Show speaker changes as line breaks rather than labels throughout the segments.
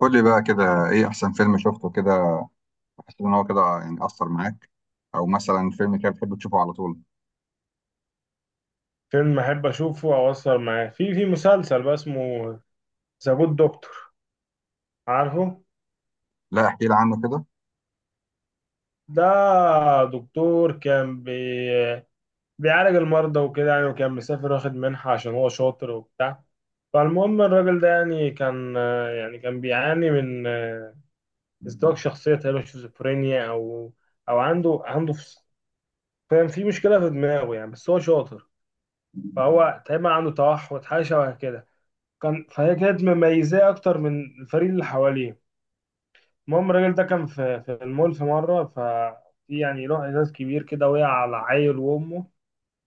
قول لي بقى كده، ايه احسن فيلم شفته كده؟ تحس ان هو كده يعني اثر معاك، او مثلا فيلم كده بتحب تشوفه على طول؟
فيلم احب اشوفه او اسهر معاه في مسلسل بقى اسمه ذا جود دكتور، عارفه؟
لا، احكي لي عنه كده.
ده دكتور كان بي بيعالج المرضى وكده يعني، وكان مسافر واخد منحة عشان هو شاطر وبتاع. فالمهم الراجل ده يعني كان بيعاني من ازدواج شخصية تقريبا، شيزوفرينيا، او عنده فاهم، في مشكلة في دماغه يعني، بس هو شاطر. فهو تقريبا عنده توحد، حاجة شبه كده كان، فهي كانت مميزاه اكتر من الفريق اللي حواليه. المهم الراجل ده كان في المول في مرة، ففي يعني له ازاز كبير كده وقع على عيل وامه.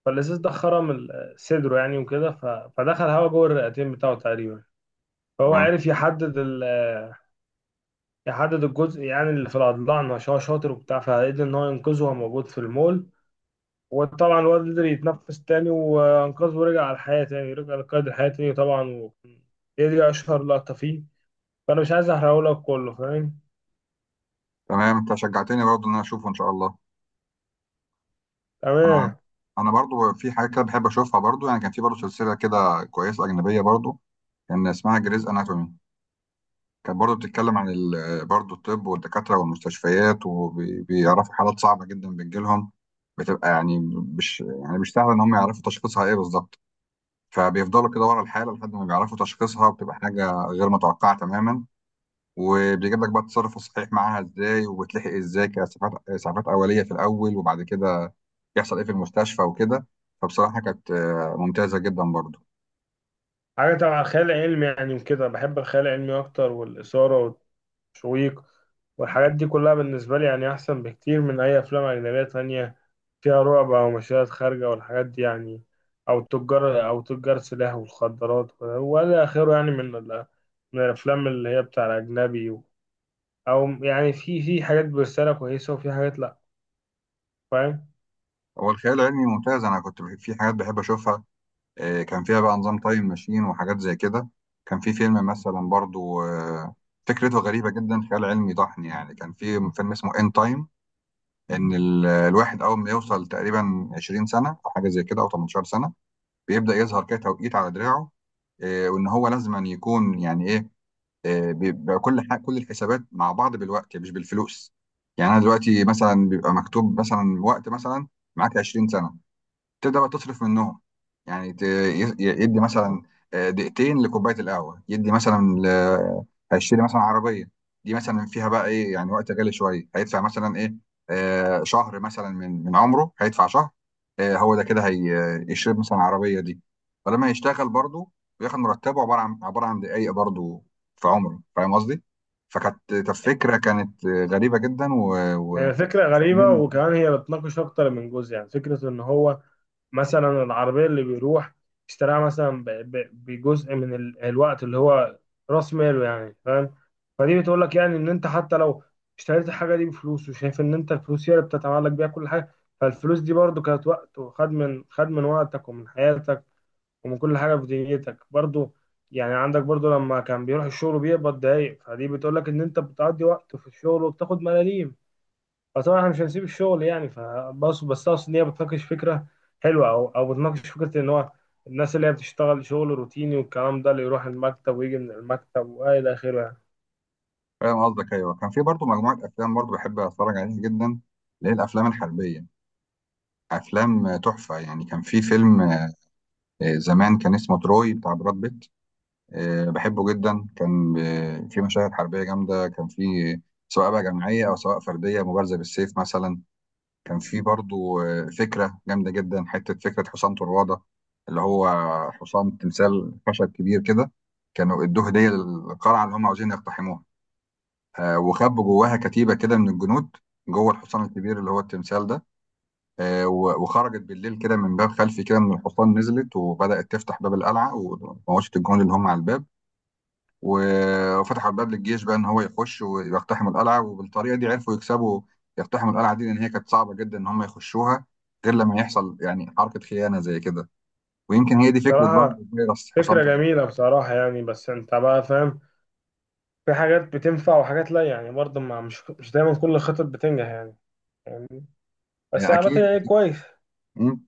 فالازاز ده خرم صدره يعني، فدخل هوا جوه الرئتين بتاعه تقريبا. فهو
تمام.
عرف يحدد الجزء يعني اللي في الأضلاع عشان هو شاطر وبتاع، فقدر إن هو ينقذه وهو موجود في المول. وطبعا الواد قدر يتنفس تاني وأنقذه، ورجع على الحياة تاني، رجع لقيد الحياة تاني طبعا هي دي أشهر لقطة فيه، فأنا مش عايز أحرقهولك كله، فاهم؟
تمام، انت شجعتني برضه ان انا اشوفه ان شاء الله. انا
تمام.
انا برضه في حاجه كده بحب اشوفها برضه، يعني كان في برضه سلسله كده كويسه اجنبيه برضه، كان اسمها جريز اناتومي. كانت برضه بتتكلم عن برضه الطب والدكاتره والمستشفيات، وبيعرفوا حالات صعبه جدا بتجيلهم، بتبقى يعني مش يعني مش سهل ان هم يعرفوا تشخيصها ايه بالظبط. فبيفضلوا كده ورا الحالة لحد ما بيعرفوا تشخيصها، بتبقى حاجة غير متوقعة تماما. وبيجيب لك بقى التصرف الصحيح معاها ازاي، وبتلحق ازاي كاسعافات، اسعافات اوليه في الاول، وبعد كده يحصل ايه في المستشفى وكده. فبصراحه كانت ممتازه جدا برضو.
حاجة تبع خيال علمي يعني وكده، بحب الخيال العلمي أكتر، والإثارة والتشويق والحاجات دي كلها بالنسبة لي يعني أحسن بكتير من أي أفلام أجنبية تانية فيها رعب أو مشاهد خارجة والحاجات دي يعني، أو تجار سلاح والمخدرات ولا آخره يعني، من من الأفلام اللي هي بتاع الأجنبي. أو يعني في حاجات برسالة كويسة وفي حاجات لأ، فاهم؟
هو الخيال العلمي ممتاز، انا كنت في حاجات بحب اشوفها. كان فيها بقى نظام تايم ماشين وحاجات زي كده. كان في فيلم مثلا برضو، فكرته غريبه جدا، خيال علمي ضحني يعني، كان في فيلم اسمه ان تايم. ان الواحد اول ما يوصل تقريبا 20 سنه او حاجه زي كده، او 18 سنه، بيبدا يظهر كده توقيت على دراعه. وان هو لازم أن يكون يعني ايه، بيبقى كل حاجه، كل الحسابات مع بعض بالوقت مش بالفلوس. يعني انا دلوقتي مثلا بيبقى مكتوب مثلا وقت، مثلا معاك 20 سنه، تبدا بقى تصرف منهم. يعني يدي مثلا، دقيقتين لكوبايه القهوه، يدي مثلا هيشتري مثلا عربيه، دي مثلا فيها بقى ايه يعني، وقت غالي شويه، هيدفع مثلا ايه، شهر مثلا من عمره، هيدفع شهر. هو ده كده، هيشتري مثلا العربيه دي. فلما يشتغل برضه، بياخد مرتبه عباره عن دقايق برضه في عمره، فاهم قصدي؟ فكانت فكره، كانت غريبه جدا
هي فكرة
و...
غريبة، وكمان هي بتناقش أكتر من جزء. يعني فكرة إن هو مثلا العربية اللي بيروح اشتراها مثلا ب- ب- بجزء من الوقت اللي هو رأس ماله يعني، فاهم؟ فدي بتقول لك يعني إن أنت حتى لو اشتريت الحاجة دي بفلوس وشايف إن أنت الفلوس هي اللي بتتعلق بيها كل حاجة، فالفلوس دي برضو كانت وقت، وخد من خد من وقتك ومن حياتك ومن كل حاجة في دنيتك برضو. يعني عندك برضو لما كان بيروح الشغل بيقبض دقايق، فدي بتقول لك إن أنت بتقضي وقت في الشغل وبتاخد ملاليم. فطبعا احنا مش هنسيب الشغل يعني، بس اقصد ان هي بتناقش فكره حلوه، او او بتناقش فكره ان هو الناس اللي هي بتشتغل شغل روتيني والكلام ده، اللي يروح المكتب ويجي من المكتب والى اخره يعني.
فاهم قصدك. ايوه، كان في برضو مجموعه افلام برضو بحب اتفرج عليها جدا، اللي هي الافلام الحربيه. افلام تحفه يعني. كان في فيلم، زمان، كان اسمه تروي، بتاع براد بيت. بحبه جدا، كان في مشاهد حربيه جامده، كان في، سواء بقى جماعيه او سواء فرديه، مبارزه بالسيف مثلا. كان في برضو فكره جامده جدا، حته فكره حصان طروادة، اللي هو حصان تمثال خشب كبير كده، كانوا ادوه هديه للقلعه اللي هم عاوزين يقتحموها. وخبوا جواها كتيبة كده من الجنود، جوه الحصان الكبير اللي هو التمثال ده. وخرجت بالليل كده من باب خلفي كده من الحصان، نزلت وبدأت تفتح باب القلعة، وموشت الجنود اللي هم على الباب، وفتحوا الباب للجيش بقى إن هو يخش ويقتحم القلعة. وبالطريقة دي عرفوا يكسبوا، يقتحموا القلعة دي، لأن هي كانت صعبة جدا إن هم يخشوها غير لما يحصل يعني حركة خيانة زي كده. ويمكن هي دي فكرة برضه
بصراحه
فيروس حصان
فكره
طب.
جميله بصراحه يعني، بس انت بقى فاهم، في حاجات بتنفع وحاجات لا يعني. برضه ما مش دايما كل الخطط بتنجح يعني، يعني بس عامه
أكيد.
يعني كويس.
مم.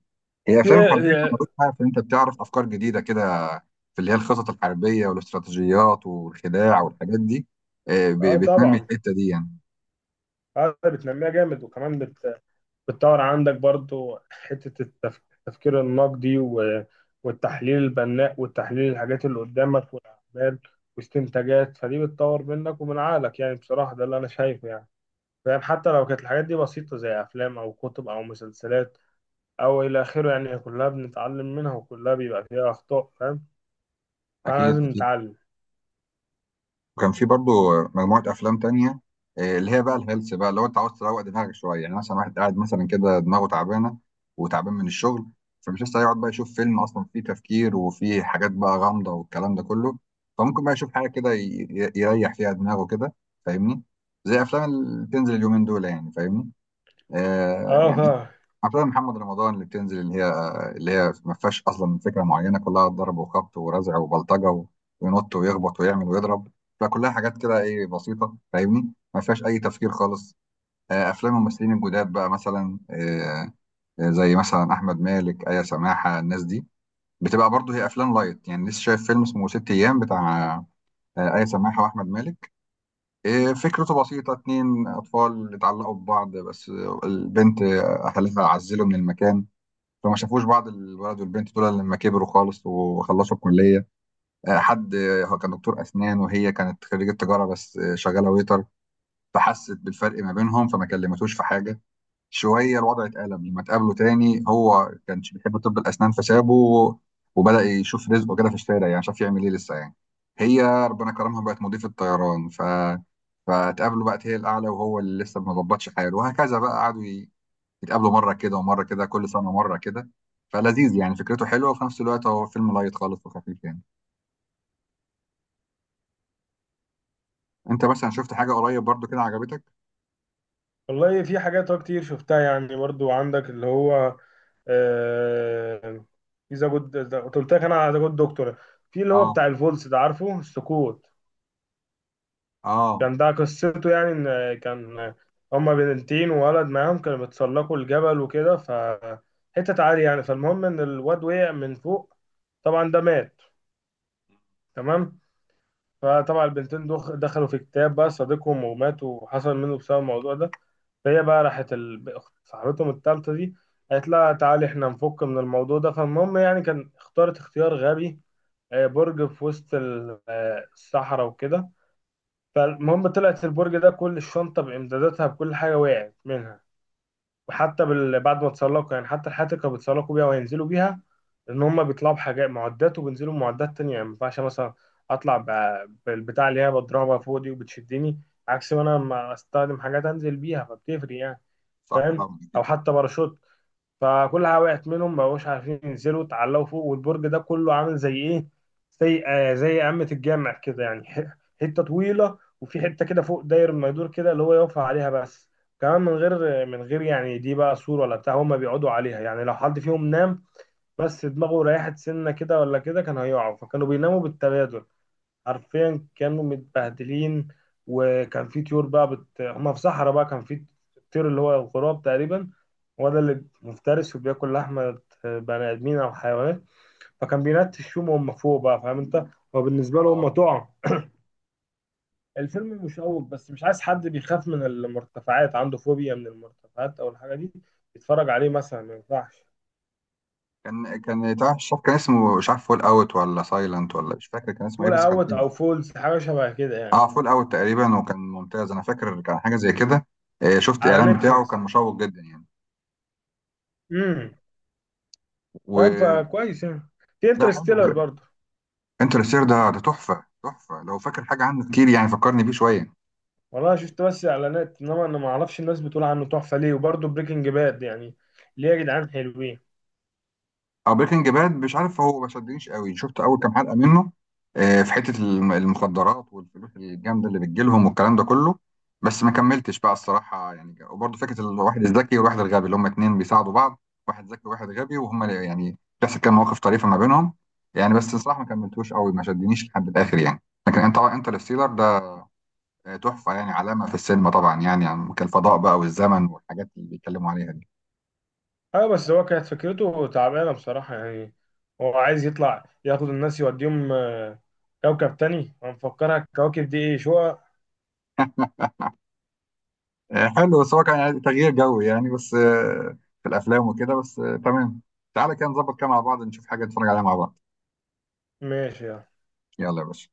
هي الافلام الحربيه كان ملوش
إيه؟
حاجه في ان انت بتعرف افكار جديده كده، في اللي هي الخطط الحربيه والاستراتيجيات والخداع والحاجات دي،
اه
بتنمي
طبعا،
الحته دي يعني.
اه بتنميها جامد، وكمان بتطور عندك برضو حتة التفكير النقدي، و- والتحليل البناء، والتحليل الحاجات اللي قدامك والأعمال واستنتاجات، فدي بتطور منك ومن عقلك يعني، بصراحة ده اللي أنا شايفه يعني، فاهم؟ حتى لو كانت الحاجات دي بسيطة زي أفلام أو كتب أو مسلسلات أو إلى آخره يعني، كلها بنتعلم منها، وكلها بيبقى فيها أخطاء، فاهم؟ فاحنا
اكيد،
لازم
اكيد.
نتعلم.
وكان في برضو مجموعة أفلام تانية، اللي هي بقى الهيلث بقى. لو أنت عاوز تروق دماغك شوية، يعني مثلا واحد قاعد مثلا كده دماغه تعبانة، وتعبان من الشغل، فمش لسه هيقعد بقى يشوف فيلم أصلا فيه تفكير، وفيه حاجات بقى غامضة والكلام ده كله. فممكن بقى يشوف حاجة كده يريح فيها دماغه كده، فاهمني؟ زي أفلام اللي بتنزل اليومين دول، يعني فاهمني، يعني
اه
افلام محمد رمضان اللي بتنزل، اللي هي ما فيهاش اصلا فكره معينه، كلها ضرب وخبط ورزع وبلطجه، وينط ويخبط ويعمل ويضرب. فكلها حاجات كده ايه، بسيطه فاهمني، ما فيهاش اي تفكير خالص. افلام الممثلين الجداد بقى، مثلا زي مثلا احمد مالك، ايا سماحه، الناس دي بتبقى برضو هي افلام لايت يعني. لسه شايف فيلم اسمه ست ايام، بتاع ايا سماحه واحمد مالك. إيه، فكرته بسيطة، اتنين أطفال اتعلقوا ببعض بس البنت أهلها عزلوا من المكان، فما شافوش بعض الولد والبنت دول إلا لما كبروا خالص وخلصوا الكلية. آه، حد آه، هو كان دكتور أسنان، وهي كانت خريجة تجارة بس شغالة ويتر. فحست بالفرق ما بينهم، فما كلمتوش في حاجة. شويه الوضع اتقلب لما اتقابلوا تاني، هو كانش بيحب طب الاسنان فسابه، وبدا يشوف رزقه كده في الشارع، يعني شاف يعمل ايه لسه يعني. هي ربنا كرمها، بقت مضيفه طيران، فاتقابلوا، بقت هي الاعلى وهو اللي لسه ما ظبطش حاله. وهكذا بقى، قعدوا يتقابلوا مره كده ومره كده، كل سنه مره كده. فلذيذ يعني، فكرته حلوه، وفي نفس الوقت هو فيلم لايت خالص وخفيف يعني. انت مثلا شفت حاجه قريب برضو كده عجبتك؟
والله في حاجات أه كتير شفتها يعني. برضو عندك اللي هو آه، في ذا جود، قلت لك انا على ذا جود دكتور. في اللي هو
اه،
بتاع الفولس ده، عارفه؟ السقوط.
اه،
كان ده قصته يعني، ان كان هما بنتين وولد معاهم كانوا بيتسلقوا الجبل وكده، ف حتة عالية يعني. فالمهم ان الواد وقع من فوق، طبعا ده مات، تمام. فطبعا البنتين دخلوا في كتاب بقى صديقهم وماتوا، وحصل منه بسبب الموضوع ده. فهي بقى راحت صاحبتهم التالتة دي، قالت لها تعالي احنا نفك من الموضوع ده. فالمهم يعني كان اختارت اختيار غبي، برج في وسط الصحراء وكده. فالمهم طلعت البرج ده، كل الشنطة بإمداداتها بكل حاجة وقعت منها، وحتى بعد ما اتسلقوا يعني، حتى الحياتي كانوا بيتسلقوا بيها وهينزلوا بيها، ان هم بيطلعوا بحاجات معدات وبينزلوا بمعدات تانية يعني. ما ينفعش مثلا اطلع ب... بالبتاع اللي هي بضربها فوق دي وبتشدني، عكس ما انا لما استخدم حاجات انزل بيها، فبتفرق يعني،
صح
فاهم؟
طبعا،
او
اكيد.
حتى باراشوت. فكلها وقعت منهم، ما بقوش عارفين ينزلوا، اتعلقوا فوق. والبرج ده كله عامل زي ايه، زي آه زي قمة الجامع كده يعني، حتة طويلة، وفي حتة كده فوق داير ما يدور كده اللي هو يقف عليها بس، كمان من غير يعني دي بقى سور ولا بتاع. هما بيقعدوا عليها يعني، لو حد فيهم نام بس دماغه ريحت سنة كده ولا كده كان هيقع، فكانوا بيناموا بالتبادل. حرفيا كانوا متبهدلين. وكان في طيور بقى هما في صحراء بقى، كان في الطير اللي هو الغراب تقريبا، هو ده اللي مفترس وبياكل لحمة بني آدمين أو حيوانات. فكان بينتشهم وهم فوق بقى، فاهم أنت؟ هو بالنسبة له
آه.
هم طعم. الفيلم مشوق، بس مش عايز حد بيخاف من المرتفعات، عنده فوبيا من المرتفعات أو الحاجة دي، يتفرج عليه مثلا، ما ينفعش.
كان بتاع الشاف، كان اسمه مش عارف فول اوت ولا سايلنت، ولا مش فاكر كان اسمه ايه،
فول
بس كان
أوت
حلو.
أو فولز، حاجة شبه كده يعني.
اه، فول اوت تقريبا، وكان ممتاز، انا فاكر كان حاجه زي كده. شفت
على
الاعلان بتاعه كان
نتفليكس.
مشوق جدا يعني.
امم فاهم؟
وده
فكويس يعني. في
حلو.
انترستيلر برضه.
انترستير ده تحفه، تحفه. لو فاكر حاجه عنه كتير يعني فكرني بيه شويه.
والله شفت بس اعلانات، انما انا ما اعرفش الناس بتقول عنه تحفه ليه، وبرضه بريكنج باد يعني ليه، يا جدعان حلوين.
او بريكنج باد، مش عارف هو ما شدنيش قوي، شفت اول كام حلقه منه، في حته المخدرات والفلوس الجامده اللي بتجيلهم والكلام ده كله، بس ما كملتش بقى الصراحه يعني. وبرضه فكره الواحد الذكي والواحد الغبي، اللي هم اتنين بيساعدوا بعض، واحد ذكي وواحد غبي، وهم يعني بتحصل كام مواقف طريفه ما بينهم يعني. بس الصراحه ما كملتوش قوي، ما شدنيش لحد الاخر يعني. لكن انت انترستيلر ده تحفه يعني، علامه في السينما طبعا، يعني, كالفضاء بقى والزمن والحاجات اللي بيتكلموا عليها دي.
ايوه، بس هو كانت فكرته تعبانه بصراحه يعني، هو عايز يطلع ياخد الناس يوديهم كوكب تاني. هنفكرها الكواكب دي ايه، شقق؟
حلو، بس هو كان يعني تغيير جو يعني، بس في الافلام وكده، بس تمام. تعالى كده نظبط كده مع بعض، نشوف حاجه نتفرج عليها مع بعض.
ماشي يعني.
يلا يا باشا.